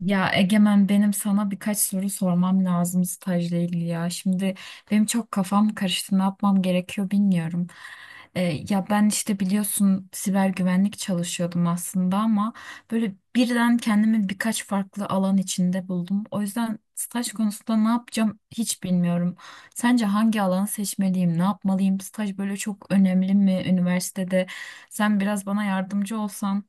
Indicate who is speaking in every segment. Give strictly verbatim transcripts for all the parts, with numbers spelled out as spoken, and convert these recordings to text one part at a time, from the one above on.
Speaker 1: Ya Egemen, benim sana birkaç soru sormam lazım stajla ilgili ya. Şimdi benim çok kafam karıştı. Ne yapmam gerekiyor bilmiyorum. Ee, ya ben işte biliyorsun siber güvenlik çalışıyordum aslında ama böyle birden kendimi birkaç farklı alan içinde buldum. O yüzden staj konusunda ne yapacağım hiç bilmiyorum. Sence hangi alanı seçmeliyim? Ne yapmalıyım? Staj böyle çok önemli mi üniversitede? Sen biraz bana yardımcı olsan.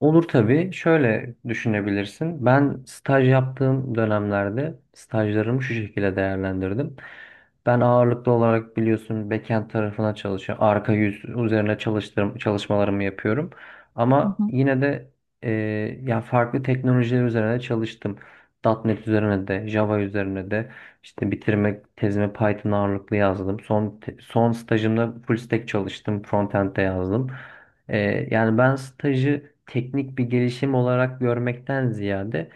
Speaker 2: Olur tabii. Şöyle düşünebilirsin. Ben staj yaptığım dönemlerde stajlarımı şu şekilde değerlendirdim. Ben ağırlıklı olarak biliyorsun backend tarafına çalışıyorum. Arka yüz üzerine çalıştırım, çalışmalarımı yapıyorum. Ama yine de e, ya farklı teknolojiler üzerine çalıştım. .nokta .N E T üzerine de, Java üzerine de işte bitirme tezimi Python ağırlıklı yazdım. Son te- son stajımda full stack çalıştım, frontend'de yazdım. Ee, yani ben stajı teknik bir gelişim olarak görmekten ziyade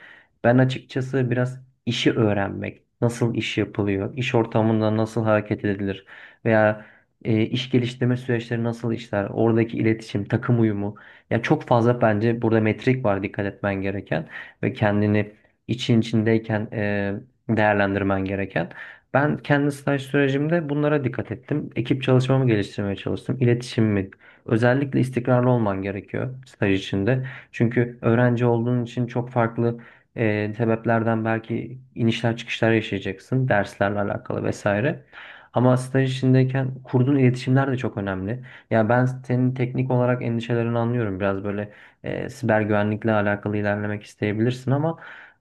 Speaker 2: ben açıkçası biraz işi öğrenmek, nasıl iş yapılıyor, iş ortamında nasıl hareket edilir veya e, iş geliştirme süreçleri nasıl işler, oradaki iletişim, takım uyumu. Ya çok fazla bence burada metrik var dikkat etmen gereken ve kendini için içindeyken e, değerlendirmen gereken. Ben kendi staj sürecimde bunlara dikkat ettim. Ekip çalışmamı geliştirmeye çalıştım. İletişimimi özellikle istikrarlı olman gerekiyor staj içinde. Çünkü öğrenci olduğun için çok farklı e, sebeplerden belki inişler çıkışlar yaşayacaksın. Derslerle alakalı vesaire. Ama staj içindeyken kurduğun iletişimler de çok önemli. Ya ben senin teknik olarak endişelerini anlıyorum. Biraz böyle e, siber güvenlikle alakalı ilerlemek isteyebilirsin ama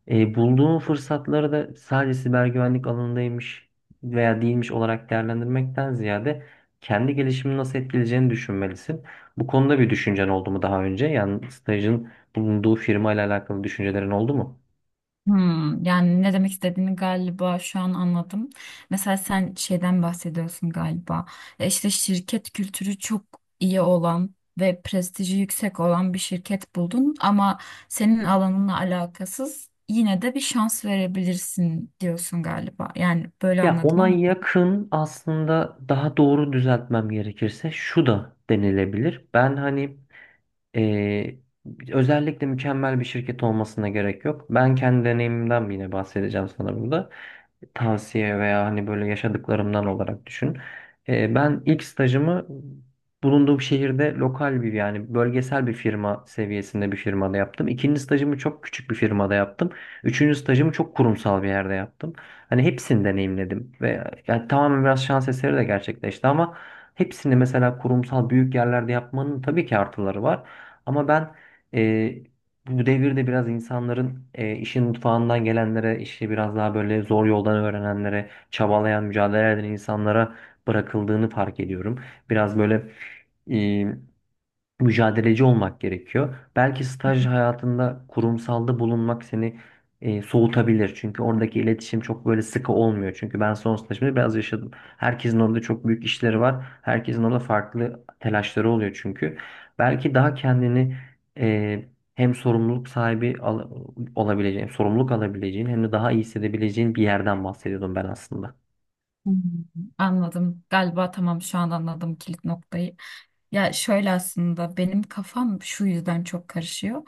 Speaker 2: e, bulduğun fırsatları da sadece siber güvenlik alanındaymış veya değilmiş olarak değerlendirmekten ziyade kendi gelişimini nasıl etkileyeceğini düşünmelisin. Bu konuda bir düşüncen oldu mu daha önce? Yani stajın bulunduğu firma ile alakalı düşüncelerin oldu mu?
Speaker 1: Hmm, yani ne demek istediğini galiba şu an anladım. Mesela sen şeyden bahsediyorsun galiba. E, İşte şirket kültürü çok iyi olan ve prestiji yüksek olan bir şirket buldun ama senin alanınla alakasız yine de bir şans verebilirsin diyorsun galiba. Yani böyle
Speaker 2: Ya
Speaker 1: anladım
Speaker 2: ona
Speaker 1: ama
Speaker 2: yakın aslında, daha doğru düzeltmem gerekirse şu da denilebilir. Ben hani eee, özellikle mükemmel bir şirket olmasına gerek yok. Ben kendi deneyimimden yine bahsedeceğim sana burada. Tavsiye veya hani böyle yaşadıklarımdan olarak düşün. Ee, ben ilk stajımı bulunduğum şehirde lokal bir, yani bölgesel bir firma seviyesinde bir firmada yaptım. İkinci stajımı çok küçük bir firmada yaptım. Üçüncü stajımı çok kurumsal bir yerde yaptım. Hani hepsini deneyimledim ve yani tamamen biraz şans eseri de gerçekleşti ama hepsini mesela kurumsal büyük yerlerde yapmanın tabii ki artıları var. Ama ben bu devirde biraz insanların e, işin mutfağından gelenlere, işte biraz daha böyle zor yoldan öğrenenlere, çabalayan, mücadele eden insanlara bırakıldığını fark ediyorum. Biraz böyle mücadeleci olmak gerekiyor. Belki staj hayatında kurumsalda bulunmak seni e, soğutabilir. Çünkü oradaki iletişim çok böyle sıkı olmuyor. Çünkü ben son stajımda biraz yaşadım. Herkesin orada çok büyük işleri var. Herkesin orada farklı telaşları oluyor çünkü. Belki daha kendini e, hem sorumluluk sahibi al- olabileceğin, sorumluluk alabileceğin hem de daha iyi hissedebileceğin bir yerden bahsediyordum ben aslında.
Speaker 1: hmm, anladım. Galiba tamam, şu an anladım kilit noktayı. Ya şöyle aslında benim kafam şu yüzden çok karışıyor.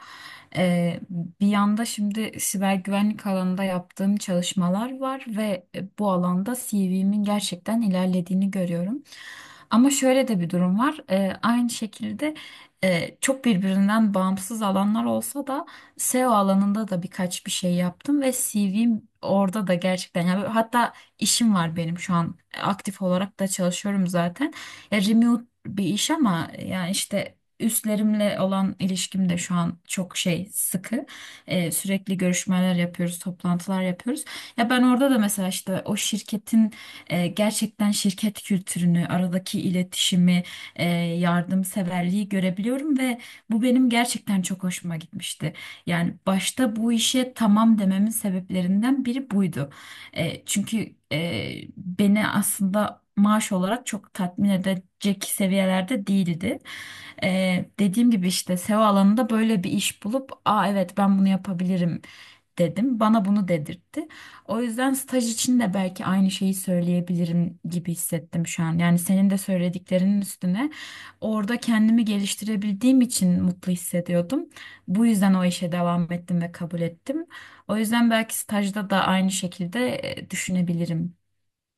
Speaker 1: Ee, bir yanda şimdi siber güvenlik alanında yaptığım çalışmalar var ve e, bu alanda C V'min gerçekten ilerlediğini görüyorum. Ama şöyle de bir durum var. Ee, aynı şekilde, e, çok birbirinden bağımsız alanlar olsa da S E O alanında da birkaç bir şey yaptım ve C V'm orada da gerçekten, yani hatta işim var benim şu an, e, aktif olarak da çalışıyorum zaten bir iş, ama yani işte üstlerimle olan ilişkim de şu an çok şey sıkı. Ee, sürekli görüşmeler yapıyoruz, toplantılar yapıyoruz. Ya ben orada da mesela işte o şirketin, e, gerçekten şirket kültürünü, aradaki iletişimi, e, yardımseverliği görebiliyorum ve bu benim gerçekten çok hoşuma gitmişti. Yani başta bu işe tamam dememin sebeplerinden biri buydu. E, çünkü e, beni aslında maaş olarak çok tatmin edecek seviyelerde değildi. E, dediğim gibi işte S E O alanında böyle bir iş bulup, aa evet ben bunu yapabilirim dedim. Bana bunu dedirtti. O yüzden staj için de belki aynı şeyi söyleyebilirim gibi hissettim şu an. Yani senin de söylediklerinin üstüne orada kendimi geliştirebildiğim için mutlu hissediyordum. Bu yüzden o işe devam ettim ve kabul ettim. O yüzden belki stajda da aynı şekilde e, düşünebilirim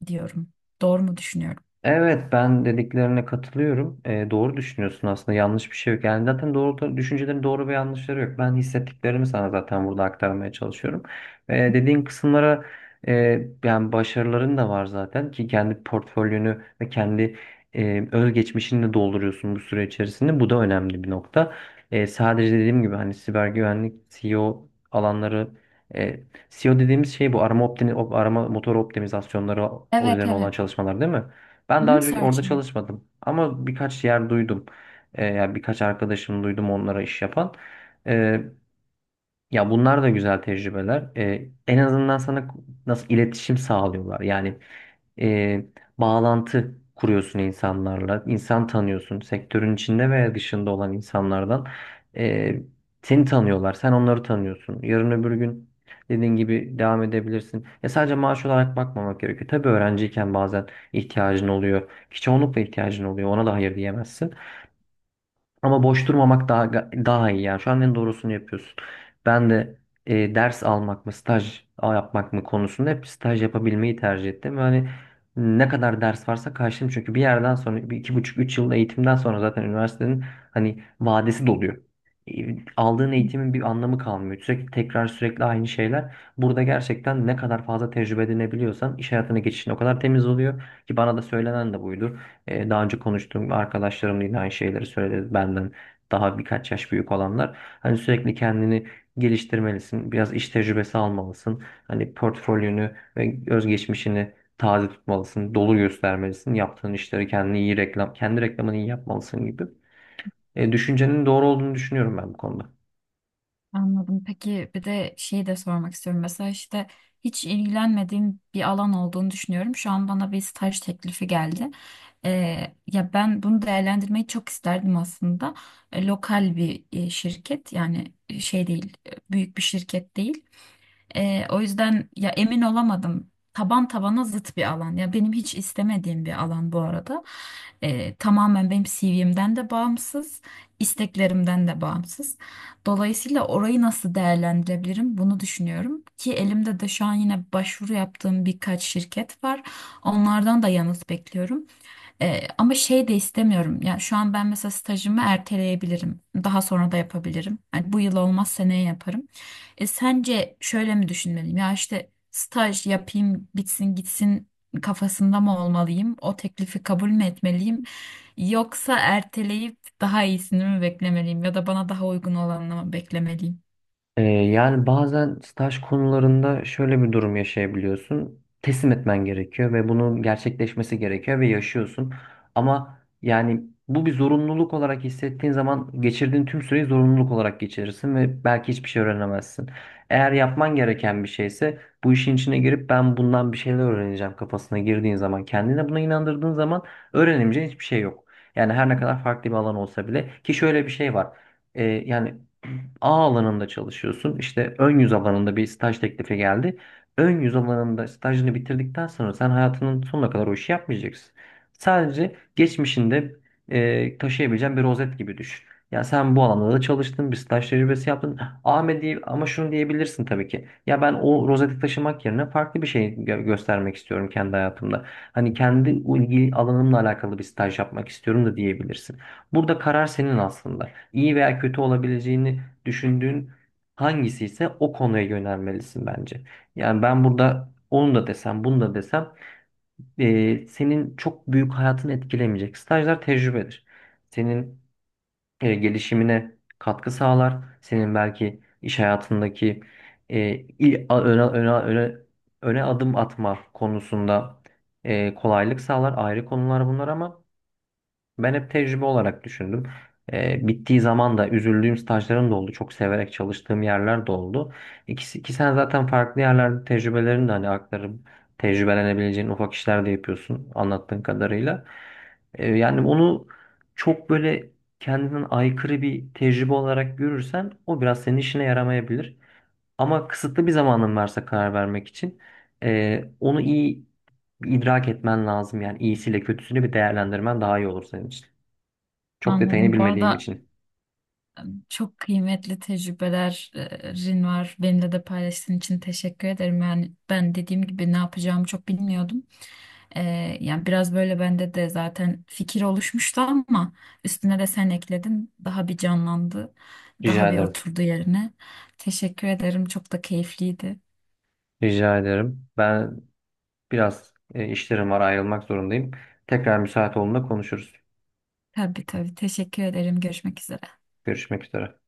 Speaker 1: diyorum. Doğru mu düşünüyorum?
Speaker 2: Evet, ben dediklerine katılıyorum. Ee, doğru düşünüyorsun aslında, yanlış bir şey yok. Yani zaten doğru düşüncelerin doğru ve yanlışları yok. Ben hissettiklerimi sana zaten burada aktarmaya çalışıyorum. Ee, dediğin kısımlara e, yani başarıların da var zaten ki kendi portfolyonu ve kendi e, özgeçmişini de dolduruyorsun bu süre içerisinde. Bu da önemli bir nokta. Ee, sadece dediğim gibi hani siber güvenlik, S E O alanları, e, S E O dediğimiz şey bu arama, optimi, arama motor optimizasyonları
Speaker 1: Evet,
Speaker 2: üzerine olan
Speaker 1: evet.
Speaker 2: çalışmalar, değil mi? Ben daha
Speaker 1: Hı,
Speaker 2: önce orada
Speaker 1: searching.
Speaker 2: çalışmadım ama birkaç yer duydum. Ee, yani birkaç arkadaşım duydum onlara iş yapan. Ee, Ya bunlar da güzel tecrübeler. Ee, en azından sana nasıl iletişim sağlıyorlar. Yani e, bağlantı kuruyorsun insanlarla. İnsan tanıyorsun. Sektörün içinde veya dışında olan insanlardan e, seni tanıyorlar. Sen onları tanıyorsun. Yarın öbür gün dediğin gibi devam edebilirsin. Ya sadece maaş olarak bakmamak gerekiyor. Tabii öğrenciyken bazen ihtiyacın oluyor. Ki çoğunlukla ihtiyacın oluyor. Ona da hayır diyemezsin. Ama boş durmamak daha daha iyi yani. Şu an en doğrusunu yapıyorsun. Ben de e, ders almak mı, staj yapmak mı konusunda hep staj yapabilmeyi tercih ettim. Yani ne kadar ders varsa karşılayayım. Çünkü bir yerden sonra, bir iki buçuk, üç yıl eğitimden sonra zaten üniversitenin hani vadesi doluyor. E, Aldığın eğitimin bir anlamı kalmıyor. Sürekli tekrar, sürekli aynı şeyler. Burada gerçekten ne kadar fazla tecrübe edinebiliyorsan iş hayatına geçişin o kadar temiz oluyor ki bana da söylenen de buydu. E, Daha önce konuştuğum arkadaşlarım da yine aynı şeyleri söyledi. Benden daha birkaç yaş büyük olanlar. Hani sürekli kendini geliştirmelisin. Biraz iş tecrübesi almalısın. Hani portfolyonu ve özgeçmişini taze tutmalısın. Dolu göstermelisin. Yaptığın işleri, kendini iyi reklam, kendi reklamını iyi yapmalısın gibi. E, düşüncenin doğru olduğunu düşünüyorum ben bu konuda.
Speaker 1: Anladım. Peki bir de şeyi de sormak istiyorum. Mesela işte hiç ilgilenmediğim bir alan olduğunu düşünüyorum. Şu an bana bir staj teklifi geldi. Ee, ya ben bunu değerlendirmeyi çok isterdim aslında. E, lokal bir e, şirket, yani e, şey değil, e, büyük bir şirket değil. Ee, o yüzden ya emin olamadım. Taban tabana zıt bir alan. Ya benim hiç istemediğim bir alan bu arada. Ee, tamamen benim C V'mden de bağımsız, isteklerimden de bağımsız. Dolayısıyla orayı nasıl değerlendirebilirim bunu düşünüyorum. Ki elimde de şu an yine başvuru yaptığım birkaç şirket var. Onlardan da yanıt bekliyorum. Ee, ama şey de istemiyorum. Yani şu an ben mesela stajımı erteleyebilirim. Daha sonra da yapabilirim. Yani bu yıl olmaz, seneye yaparım. E, sence şöyle mi düşünmeliyim? Ya işte staj yapayım bitsin gitsin kafasında mı olmalıyım? O teklifi kabul mü etmeliyim? Yoksa erteleyip daha iyisini mi beklemeliyim? Ya da bana daha uygun olanını mı beklemeliyim?
Speaker 2: Ee, yani bazen staj konularında şöyle bir durum yaşayabiliyorsun. Teslim etmen gerekiyor ve bunun gerçekleşmesi gerekiyor ve yaşıyorsun. Ama yani bu bir zorunluluk olarak hissettiğin zaman geçirdiğin tüm süreyi zorunluluk olarak geçirirsin ve belki hiçbir şey öğrenemezsin. Eğer yapman gereken bir şeyse, bu işin içine girip ben bundan bir şeyler öğreneceğim kafasına girdiğin zaman, kendine buna inandırdığın zaman öğrenemeyeceğin hiçbir şey yok. Yani her ne kadar farklı bir alan olsa bile, ki şöyle bir şey var. Ee, yani A alanında çalışıyorsun. İşte ön yüz alanında bir staj teklifi geldi. Ön yüz alanında stajını bitirdikten sonra sen hayatının sonuna kadar o işi yapmayacaksın. Sadece geçmişinde e, taşıyabileceğin bir rozet gibi düşün. Ya sen bu alanda da çalıştın, bir staj tecrübesi yaptın. Ahmet diye, ama şunu diyebilirsin tabii ki. Ya ben o rozeti taşımak yerine farklı bir şey gö- göstermek istiyorum kendi hayatımda. Hani kendi ilgi alanımla alakalı bir staj yapmak istiyorum da diyebilirsin. Burada karar senin aslında. İyi veya kötü olabileceğini düşündüğün hangisi ise o konuya yönelmelisin bence. Yani ben burada onu da desem, bunu da desem e, senin çok büyük hayatını etkilemeyecek. Stajlar tecrübedir. Senin e, gelişimine katkı sağlar. Senin belki iş hayatındaki e, il, a- öne, öne, öne, öne adım atma konusunda e, kolaylık sağlar. Ayrı konular bunlar ama ben hep tecrübe olarak düşündüm. Ee, bittiği zaman da üzüldüğüm stajlarım da oldu. Çok severek çalıştığım yerler de oldu. İkisi, ki sen zaten farklı yerlerde tecrübelerini de hani aktarıp tecrübelenebileceğin ufak işler de yapıyorsun anlattığın kadarıyla. Ee, yani onu çok böyle kendinden aykırı bir tecrübe olarak görürsen o biraz senin işine yaramayabilir. Ama kısıtlı bir zamanın varsa karar vermek için e, onu iyi idrak etmen lazım. Yani iyisiyle kötüsünü bir değerlendirmen daha iyi olur senin için. Çok detayını
Speaker 1: Anladım. Bu
Speaker 2: bilmediğim
Speaker 1: arada
Speaker 2: için.
Speaker 1: çok kıymetli tecrübelerin var. Benimle de paylaştığın için teşekkür ederim. Yani ben dediğim gibi ne yapacağımı çok bilmiyordum. Ee, yani biraz böyle bende de zaten fikir oluşmuştu ama üstüne de sen ekledin. Daha bir canlandı.
Speaker 2: Rica
Speaker 1: Daha bir
Speaker 2: ederim.
Speaker 1: oturdu yerine. Teşekkür ederim. Çok da keyifliydi.
Speaker 2: Rica ederim. Ben biraz e, işlerim var, ayrılmak zorundayım. Tekrar müsait olduğunda konuşuruz.
Speaker 1: Tabii, tabii. Teşekkür ederim. Görüşmek üzere.
Speaker 2: Görüşmek üzere.